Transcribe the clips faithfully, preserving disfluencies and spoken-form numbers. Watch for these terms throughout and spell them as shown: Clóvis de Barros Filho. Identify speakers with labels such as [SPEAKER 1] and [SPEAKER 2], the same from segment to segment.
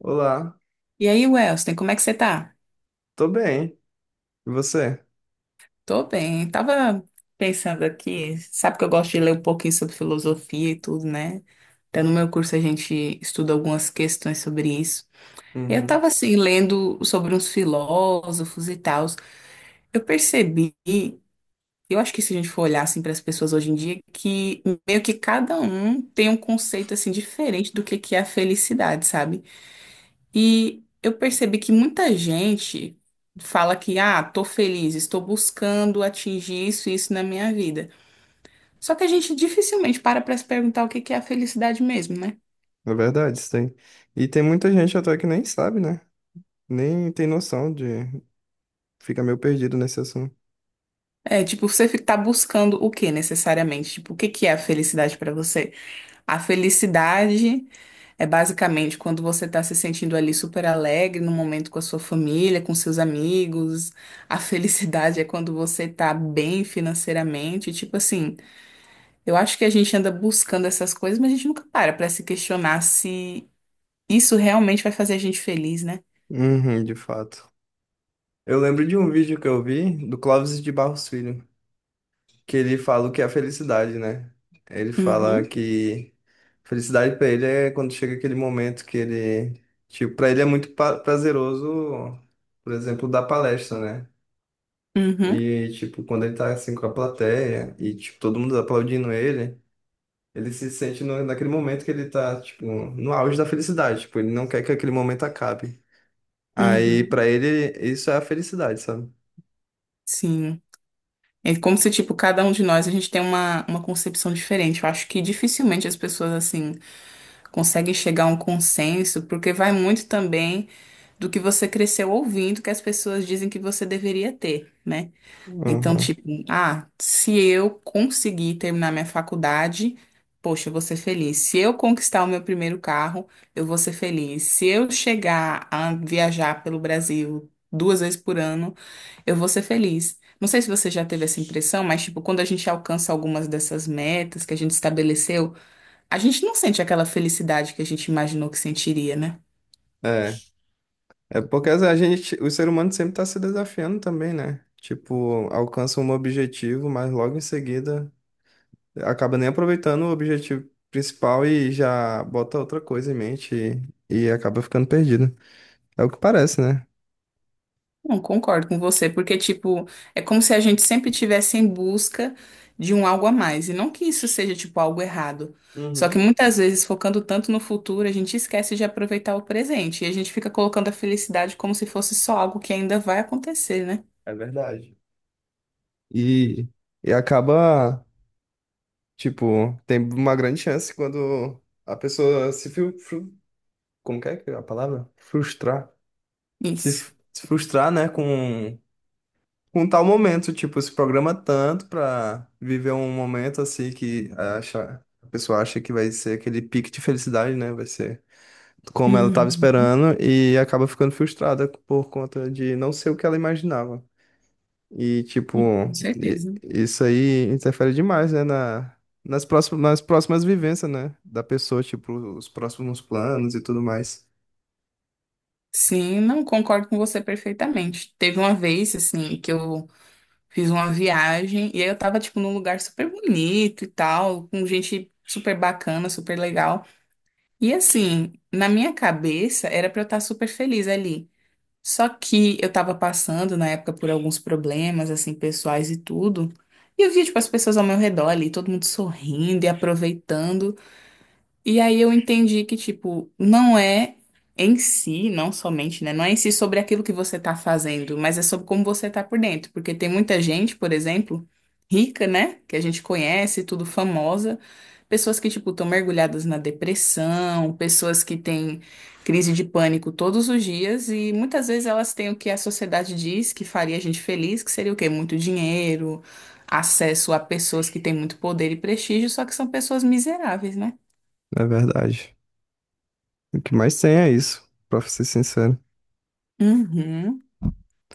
[SPEAKER 1] Olá,
[SPEAKER 2] E aí, Welston, como é que você tá?
[SPEAKER 1] tô bem. E você?
[SPEAKER 2] Tô bem. Tava pensando aqui, sabe que eu gosto de ler um pouquinho sobre filosofia e tudo, né? Até no meu curso a gente estuda algumas questões sobre isso. E Eu
[SPEAKER 1] Uhum.
[SPEAKER 2] tava assim, lendo sobre uns filósofos e tal. Eu percebi, eu acho que se a gente for olhar assim para as pessoas hoje em dia, que meio que cada um tem um conceito assim diferente do que que é a felicidade, sabe? E eu percebi que muita gente fala que, ah, tô feliz, estou buscando atingir isso e isso na minha vida. Só que a gente dificilmente para para se perguntar o que que é a felicidade mesmo, né?
[SPEAKER 1] É verdade, isso tem. E tem muita gente até que nem sabe, né? Nem tem noção de. Fica meio perdido nesse assunto.
[SPEAKER 2] É, tipo, você fi- tá buscando o que necessariamente? Tipo, o que que é a felicidade para você? A felicidade é basicamente quando você tá se sentindo ali super alegre no momento com a sua família, com seus amigos. A felicidade é quando você tá bem financeiramente, tipo assim, eu acho que a gente anda buscando essas coisas, mas a gente nunca para para se questionar se isso realmente vai fazer a gente feliz, né?
[SPEAKER 1] Uhum, de fato. Eu lembro de um vídeo que eu vi do Clóvis de Barros Filho, que ele fala o que é a felicidade, né? Ele fala
[SPEAKER 2] Uhum,
[SPEAKER 1] que felicidade pra ele é quando chega aquele momento que ele. Tipo, pra ele é muito pa- prazeroso, por exemplo, dar palestra, né?
[SPEAKER 2] uhum,
[SPEAKER 1] E, tipo, quando ele tá assim com a plateia e, tipo, todo mundo aplaudindo ele, ele se sente no, naquele momento que ele tá, tipo, no auge da felicidade. Tipo, ele não quer que aquele momento acabe. Aí,
[SPEAKER 2] uhum.
[SPEAKER 1] pra ele, isso é a felicidade, sabe?
[SPEAKER 2] Sim. É como se, tipo, cada um de nós, a gente tem uma, uma concepção diferente. Eu acho que dificilmente as pessoas, assim, conseguem chegar a um consenso, porque vai muito também do que você cresceu ouvindo que as pessoas dizem que você deveria ter, né? Então,
[SPEAKER 1] Uhum.
[SPEAKER 2] tipo, ah, se eu conseguir terminar minha faculdade, poxa, eu vou ser feliz. Se eu conquistar o meu primeiro carro, eu vou ser feliz. Se eu chegar a viajar pelo Brasil duas vezes por ano, eu vou ser feliz. Não sei se você já teve essa impressão, mas, tipo, quando a gente alcança algumas dessas metas que a gente estabeleceu, a gente não sente aquela felicidade que a gente imaginou que sentiria, né?
[SPEAKER 1] É. É porque a gente, o ser humano sempre tá se desafiando também, né? Tipo, alcança um objetivo, mas logo em seguida acaba nem aproveitando o objetivo principal e já bota outra coisa em mente e, e acaba ficando perdido. É o que parece, né?
[SPEAKER 2] Não, concordo com você, porque, tipo, é como se a gente sempre estivesse em busca de um algo a mais. E não que isso seja, tipo, algo errado. Só que
[SPEAKER 1] Uhum,
[SPEAKER 2] muitas vezes, focando tanto no futuro, a gente esquece de aproveitar o presente. E a gente fica colocando a felicidade como se fosse só algo que ainda vai acontecer, né?
[SPEAKER 1] é verdade. E, e acaba, tipo, tem uma grande chance quando a pessoa se fru, fru- como que é que é a palavra? Frustrar. Se,
[SPEAKER 2] Isso.
[SPEAKER 1] f- se frustrar, né, com, com tal momento, tipo, se programa tanto pra viver um momento assim que acha, a pessoa acha que vai ser aquele pique de felicidade, né? Vai ser como ela estava
[SPEAKER 2] Uhum.
[SPEAKER 1] esperando e acaba ficando frustrada por conta de não ser o que ela imaginava. E, tipo,
[SPEAKER 2] Com
[SPEAKER 1] i-
[SPEAKER 2] certeza.
[SPEAKER 1] isso aí interfere demais, né, na, nas próximas, nas próximas vivências, né, da pessoa, tipo, os próximos planos e tudo mais.
[SPEAKER 2] Sim, não concordo com você perfeitamente. Teve uma vez, assim, que eu fiz uma viagem e aí eu tava, tipo, num lugar super bonito e tal, com gente super bacana, super legal. E assim, na minha cabeça era pra eu estar super feliz ali. Só que eu tava passando na época por alguns problemas, assim, pessoais e tudo. E eu via, tipo, as pessoas ao meu redor ali, todo mundo sorrindo e aproveitando. E aí eu entendi que, tipo, não é em si, não somente, né? Não é em si sobre aquilo que você tá fazendo, mas é sobre como você tá por dentro. Porque tem muita gente, por exemplo, rica, né? Que a gente conhece, tudo famosa. Pessoas que, tipo, estão mergulhadas na depressão, pessoas que têm crise de pânico todos os dias, e muitas vezes elas têm o que a sociedade diz que faria a gente feliz, que seria o quê? Muito dinheiro, acesso a pessoas que têm muito poder e prestígio, só que são pessoas miseráveis, né?
[SPEAKER 1] É verdade. O que mais tem é isso, pra ser sincero.
[SPEAKER 2] Uhum.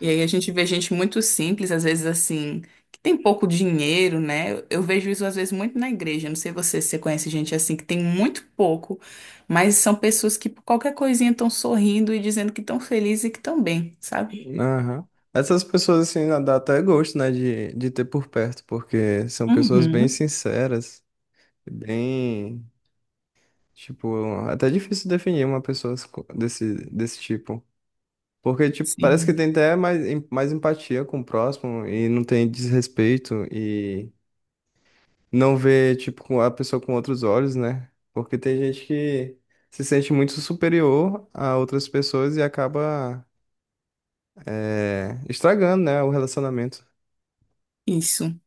[SPEAKER 2] E aí a gente vê gente muito simples, às vezes assim, que tem pouco dinheiro, né? Eu eu vejo isso às vezes muito na igreja. Não sei você se você conhece gente assim que tem muito pouco, mas são pessoas que por qualquer coisinha estão sorrindo e dizendo que estão felizes e que estão bem, sabe?
[SPEAKER 1] Aham. Essas pessoas, assim, dá até gosto, né, de, de ter por perto, porque são pessoas bem
[SPEAKER 2] Uhum.
[SPEAKER 1] sinceras, bem. Tipo, é até difícil definir uma pessoa co- desse, desse tipo. Porque, tipo, parece que
[SPEAKER 2] Sim,
[SPEAKER 1] tem até mais, em- mais empatia com o próximo e não tem desrespeito e não vê, tipo, com a pessoa com outros olhos, né? Porque tem gente que se sente muito superior a outras pessoas e acaba, eh, estragando, né, o relacionamento.
[SPEAKER 2] isso,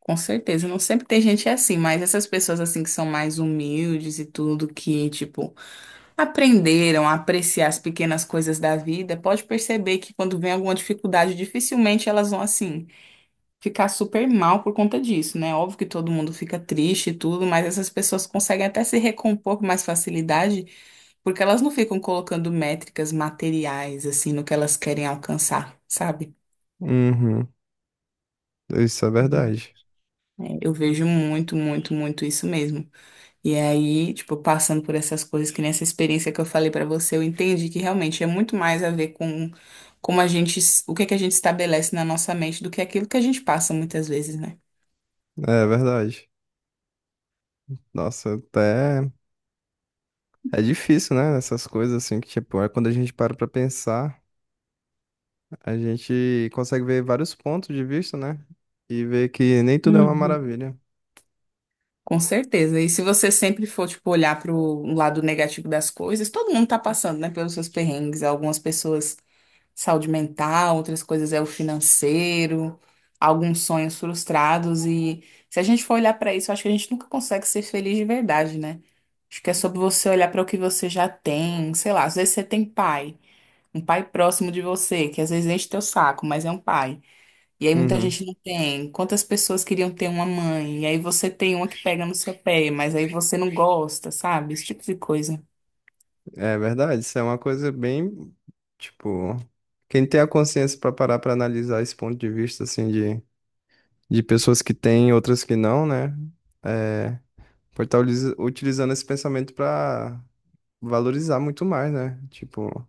[SPEAKER 2] com certeza. Não sempre tem gente assim, mas essas pessoas assim que são mais humildes e tudo, que tipo aprenderam a apreciar as pequenas coisas da vida, pode perceber que quando vem alguma dificuldade, dificilmente elas vão assim ficar super mal por conta disso, né? Óbvio que todo mundo fica triste e tudo, mas essas pessoas conseguem até se recompor com mais facilidade, porque elas não ficam colocando métricas materiais assim no que elas querem alcançar, sabe?
[SPEAKER 1] Uhum, isso é
[SPEAKER 2] Uhum.
[SPEAKER 1] verdade.
[SPEAKER 2] É, eu vejo muito, muito, muito isso mesmo. E aí, tipo, passando por essas coisas, que nessa experiência que eu falei pra você, eu entendi que realmente é muito mais a ver com como a gente, o que é que a gente estabelece na nossa mente do que aquilo que a gente passa muitas vezes, né?
[SPEAKER 1] É verdade. Nossa, até é difícil, né? Essas coisas assim que, tipo, é quando a gente para pra pensar. A gente consegue ver vários pontos de vista, né? E ver que nem tudo é uma
[SPEAKER 2] Uhum.
[SPEAKER 1] maravilha.
[SPEAKER 2] Com certeza. E se você sempre for, tipo, olhar pro lado negativo das coisas, todo mundo tá passando, né, pelos seus perrengues. Algumas pessoas saúde mental, outras coisas é o financeiro, alguns sonhos frustrados. E se a gente for olhar para isso, eu acho que a gente nunca consegue ser feliz de verdade, né? Acho que é sobre você olhar para o que você já tem, sei lá, às vezes você tem pai, um pai próximo de você, que às vezes enche teu saco, mas é um pai. E aí muita
[SPEAKER 1] Uhum.
[SPEAKER 2] gente não tem. Quantas pessoas queriam ter uma mãe? E aí você tem uma que pega no seu pé, mas aí você não gosta, sabe? Esse tipo de coisa.
[SPEAKER 1] É verdade, isso é uma coisa bem, tipo, quem tem a consciência para parar para analisar esse ponto de vista, assim, de, de pessoas que têm, outras que não, né? É, pode estar utilizando esse pensamento para valorizar muito mais, né? Tipo,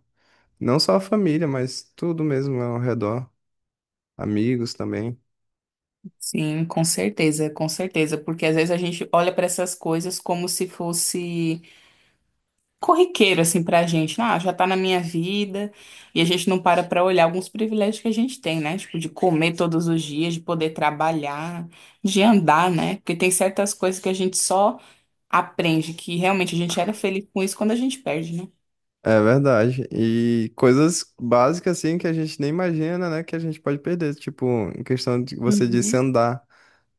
[SPEAKER 1] não só a família, mas tudo mesmo ao redor, amigos também.
[SPEAKER 2] Sim, com certeza, com certeza, porque às vezes a gente olha para essas coisas como se fosse corriqueiro assim pra gente, né, ah, já tá na minha vida, e a gente não para pra olhar alguns privilégios que a gente tem, né? Tipo de comer todos os dias, de poder trabalhar, de andar, né? Porque tem certas coisas que a gente só aprende que realmente a gente era feliz com isso quando a gente perde, né?
[SPEAKER 1] É verdade. E coisas básicas assim que a gente nem imagina, né, que a gente pode perder, tipo, em questão de você disse
[SPEAKER 2] Uhum.
[SPEAKER 1] andar.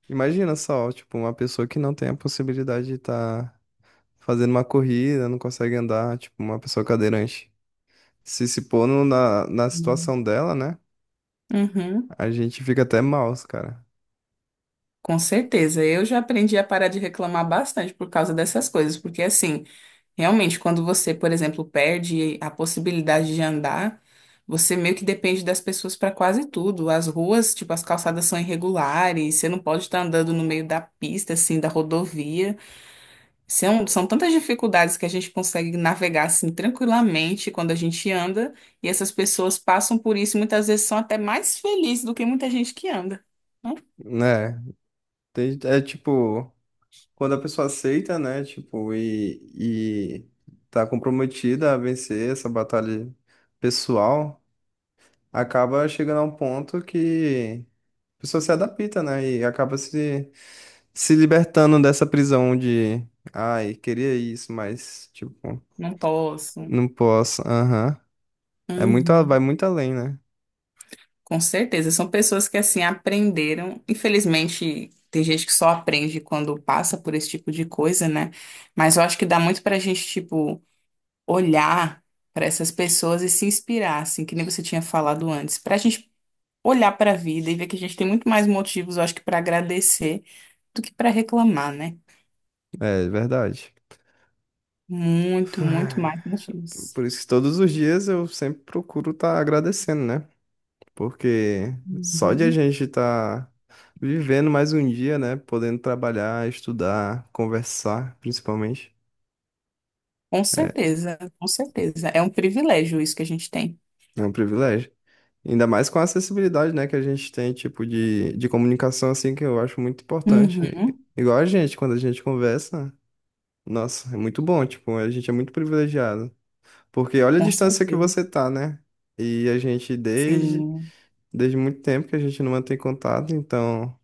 [SPEAKER 1] Imagina só, tipo, uma pessoa que não tem a possibilidade de estar fazendo uma corrida, não consegue andar, tipo, uma pessoa cadeirante. Se se pôr no- na, na
[SPEAKER 2] Hum.
[SPEAKER 1] situação dela, né,
[SPEAKER 2] Uhum,
[SPEAKER 1] a gente fica até mal, cara.
[SPEAKER 2] com certeza. Eu já aprendi a parar de reclamar bastante por causa dessas coisas, porque assim, realmente, quando você, por exemplo, perde a possibilidade de andar, você meio que depende das pessoas para quase tudo. As ruas, tipo, as calçadas são irregulares, você não pode estar andando no meio da pista, assim, da rodovia. São, são tantas dificuldades que a gente consegue navegar, assim, tranquilamente quando a gente anda, e essas pessoas passam por isso e muitas vezes são até mais felizes do que muita gente que anda. Não,
[SPEAKER 1] Né? Tem- É tipo, quando a pessoa aceita, né, tipo, e, e tá comprometida a vencer essa batalha pessoal, acaba chegando a um ponto que a pessoa se adapta, né? E acaba se, se libertando dessa prisão de, ai, queria isso, mas, tipo,
[SPEAKER 2] não posso.
[SPEAKER 1] não posso. Aham. É muito, a- vai
[SPEAKER 2] Uhum.
[SPEAKER 1] muito além, né?
[SPEAKER 2] Com certeza, são pessoas que assim aprenderam. Infelizmente, tem gente que só aprende quando passa por esse tipo de coisa, né? Mas eu acho que dá muito pra gente, tipo, olhar pra essas pessoas e se inspirar, assim, que nem você tinha falado antes, pra gente olhar pra vida e ver que a gente tem muito mais motivos, eu acho que pra agradecer do que pra reclamar, né?
[SPEAKER 1] É verdade.
[SPEAKER 2] Muito, muito mais motivos.
[SPEAKER 1] Por isso que todos os dias eu sempre procuro estar agradecendo, né? Porque só de a
[SPEAKER 2] Uhum.
[SPEAKER 1] gente estar vivendo mais um dia, né? Podendo trabalhar, estudar, conversar, principalmente,
[SPEAKER 2] Com certeza, com certeza. É um privilégio isso que a gente tem.
[SPEAKER 1] é um privilégio. Ainda mais com a acessibilidade, né, que a gente tem, tipo, de, de comunicação, assim, que eu acho muito importante.
[SPEAKER 2] Uhum,
[SPEAKER 1] Igual a gente, quando a gente conversa, nossa, é muito bom, tipo, a gente é muito privilegiado. Porque olha a
[SPEAKER 2] com
[SPEAKER 1] distância que
[SPEAKER 2] certeza.
[SPEAKER 1] você tá, né? E a gente, desde,
[SPEAKER 2] Sim.
[SPEAKER 1] desde muito tempo que a gente não mantém contato, então,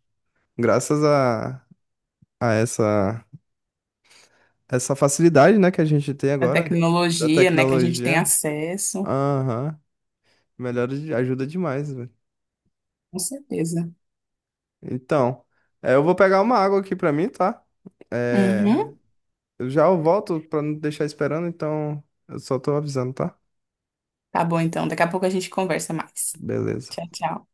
[SPEAKER 1] graças a, a essa, essa facilidade, né, que a gente tem
[SPEAKER 2] Da
[SPEAKER 1] agora, da
[SPEAKER 2] tecnologia, né, que a gente tem
[SPEAKER 1] tecnologia,
[SPEAKER 2] acesso,
[SPEAKER 1] aham, melhora, de- ajuda demais.
[SPEAKER 2] com certeza.
[SPEAKER 1] Então, é, eu vou pegar uma água aqui pra mim, tá? É,
[SPEAKER 2] Uhum.
[SPEAKER 1] eu já eu volto pra não deixar esperando, então eu só tô avisando, tá?
[SPEAKER 2] Tá bom, então. Daqui a pouco a gente conversa mais.
[SPEAKER 1] Beleza.
[SPEAKER 2] Tchau, tchau.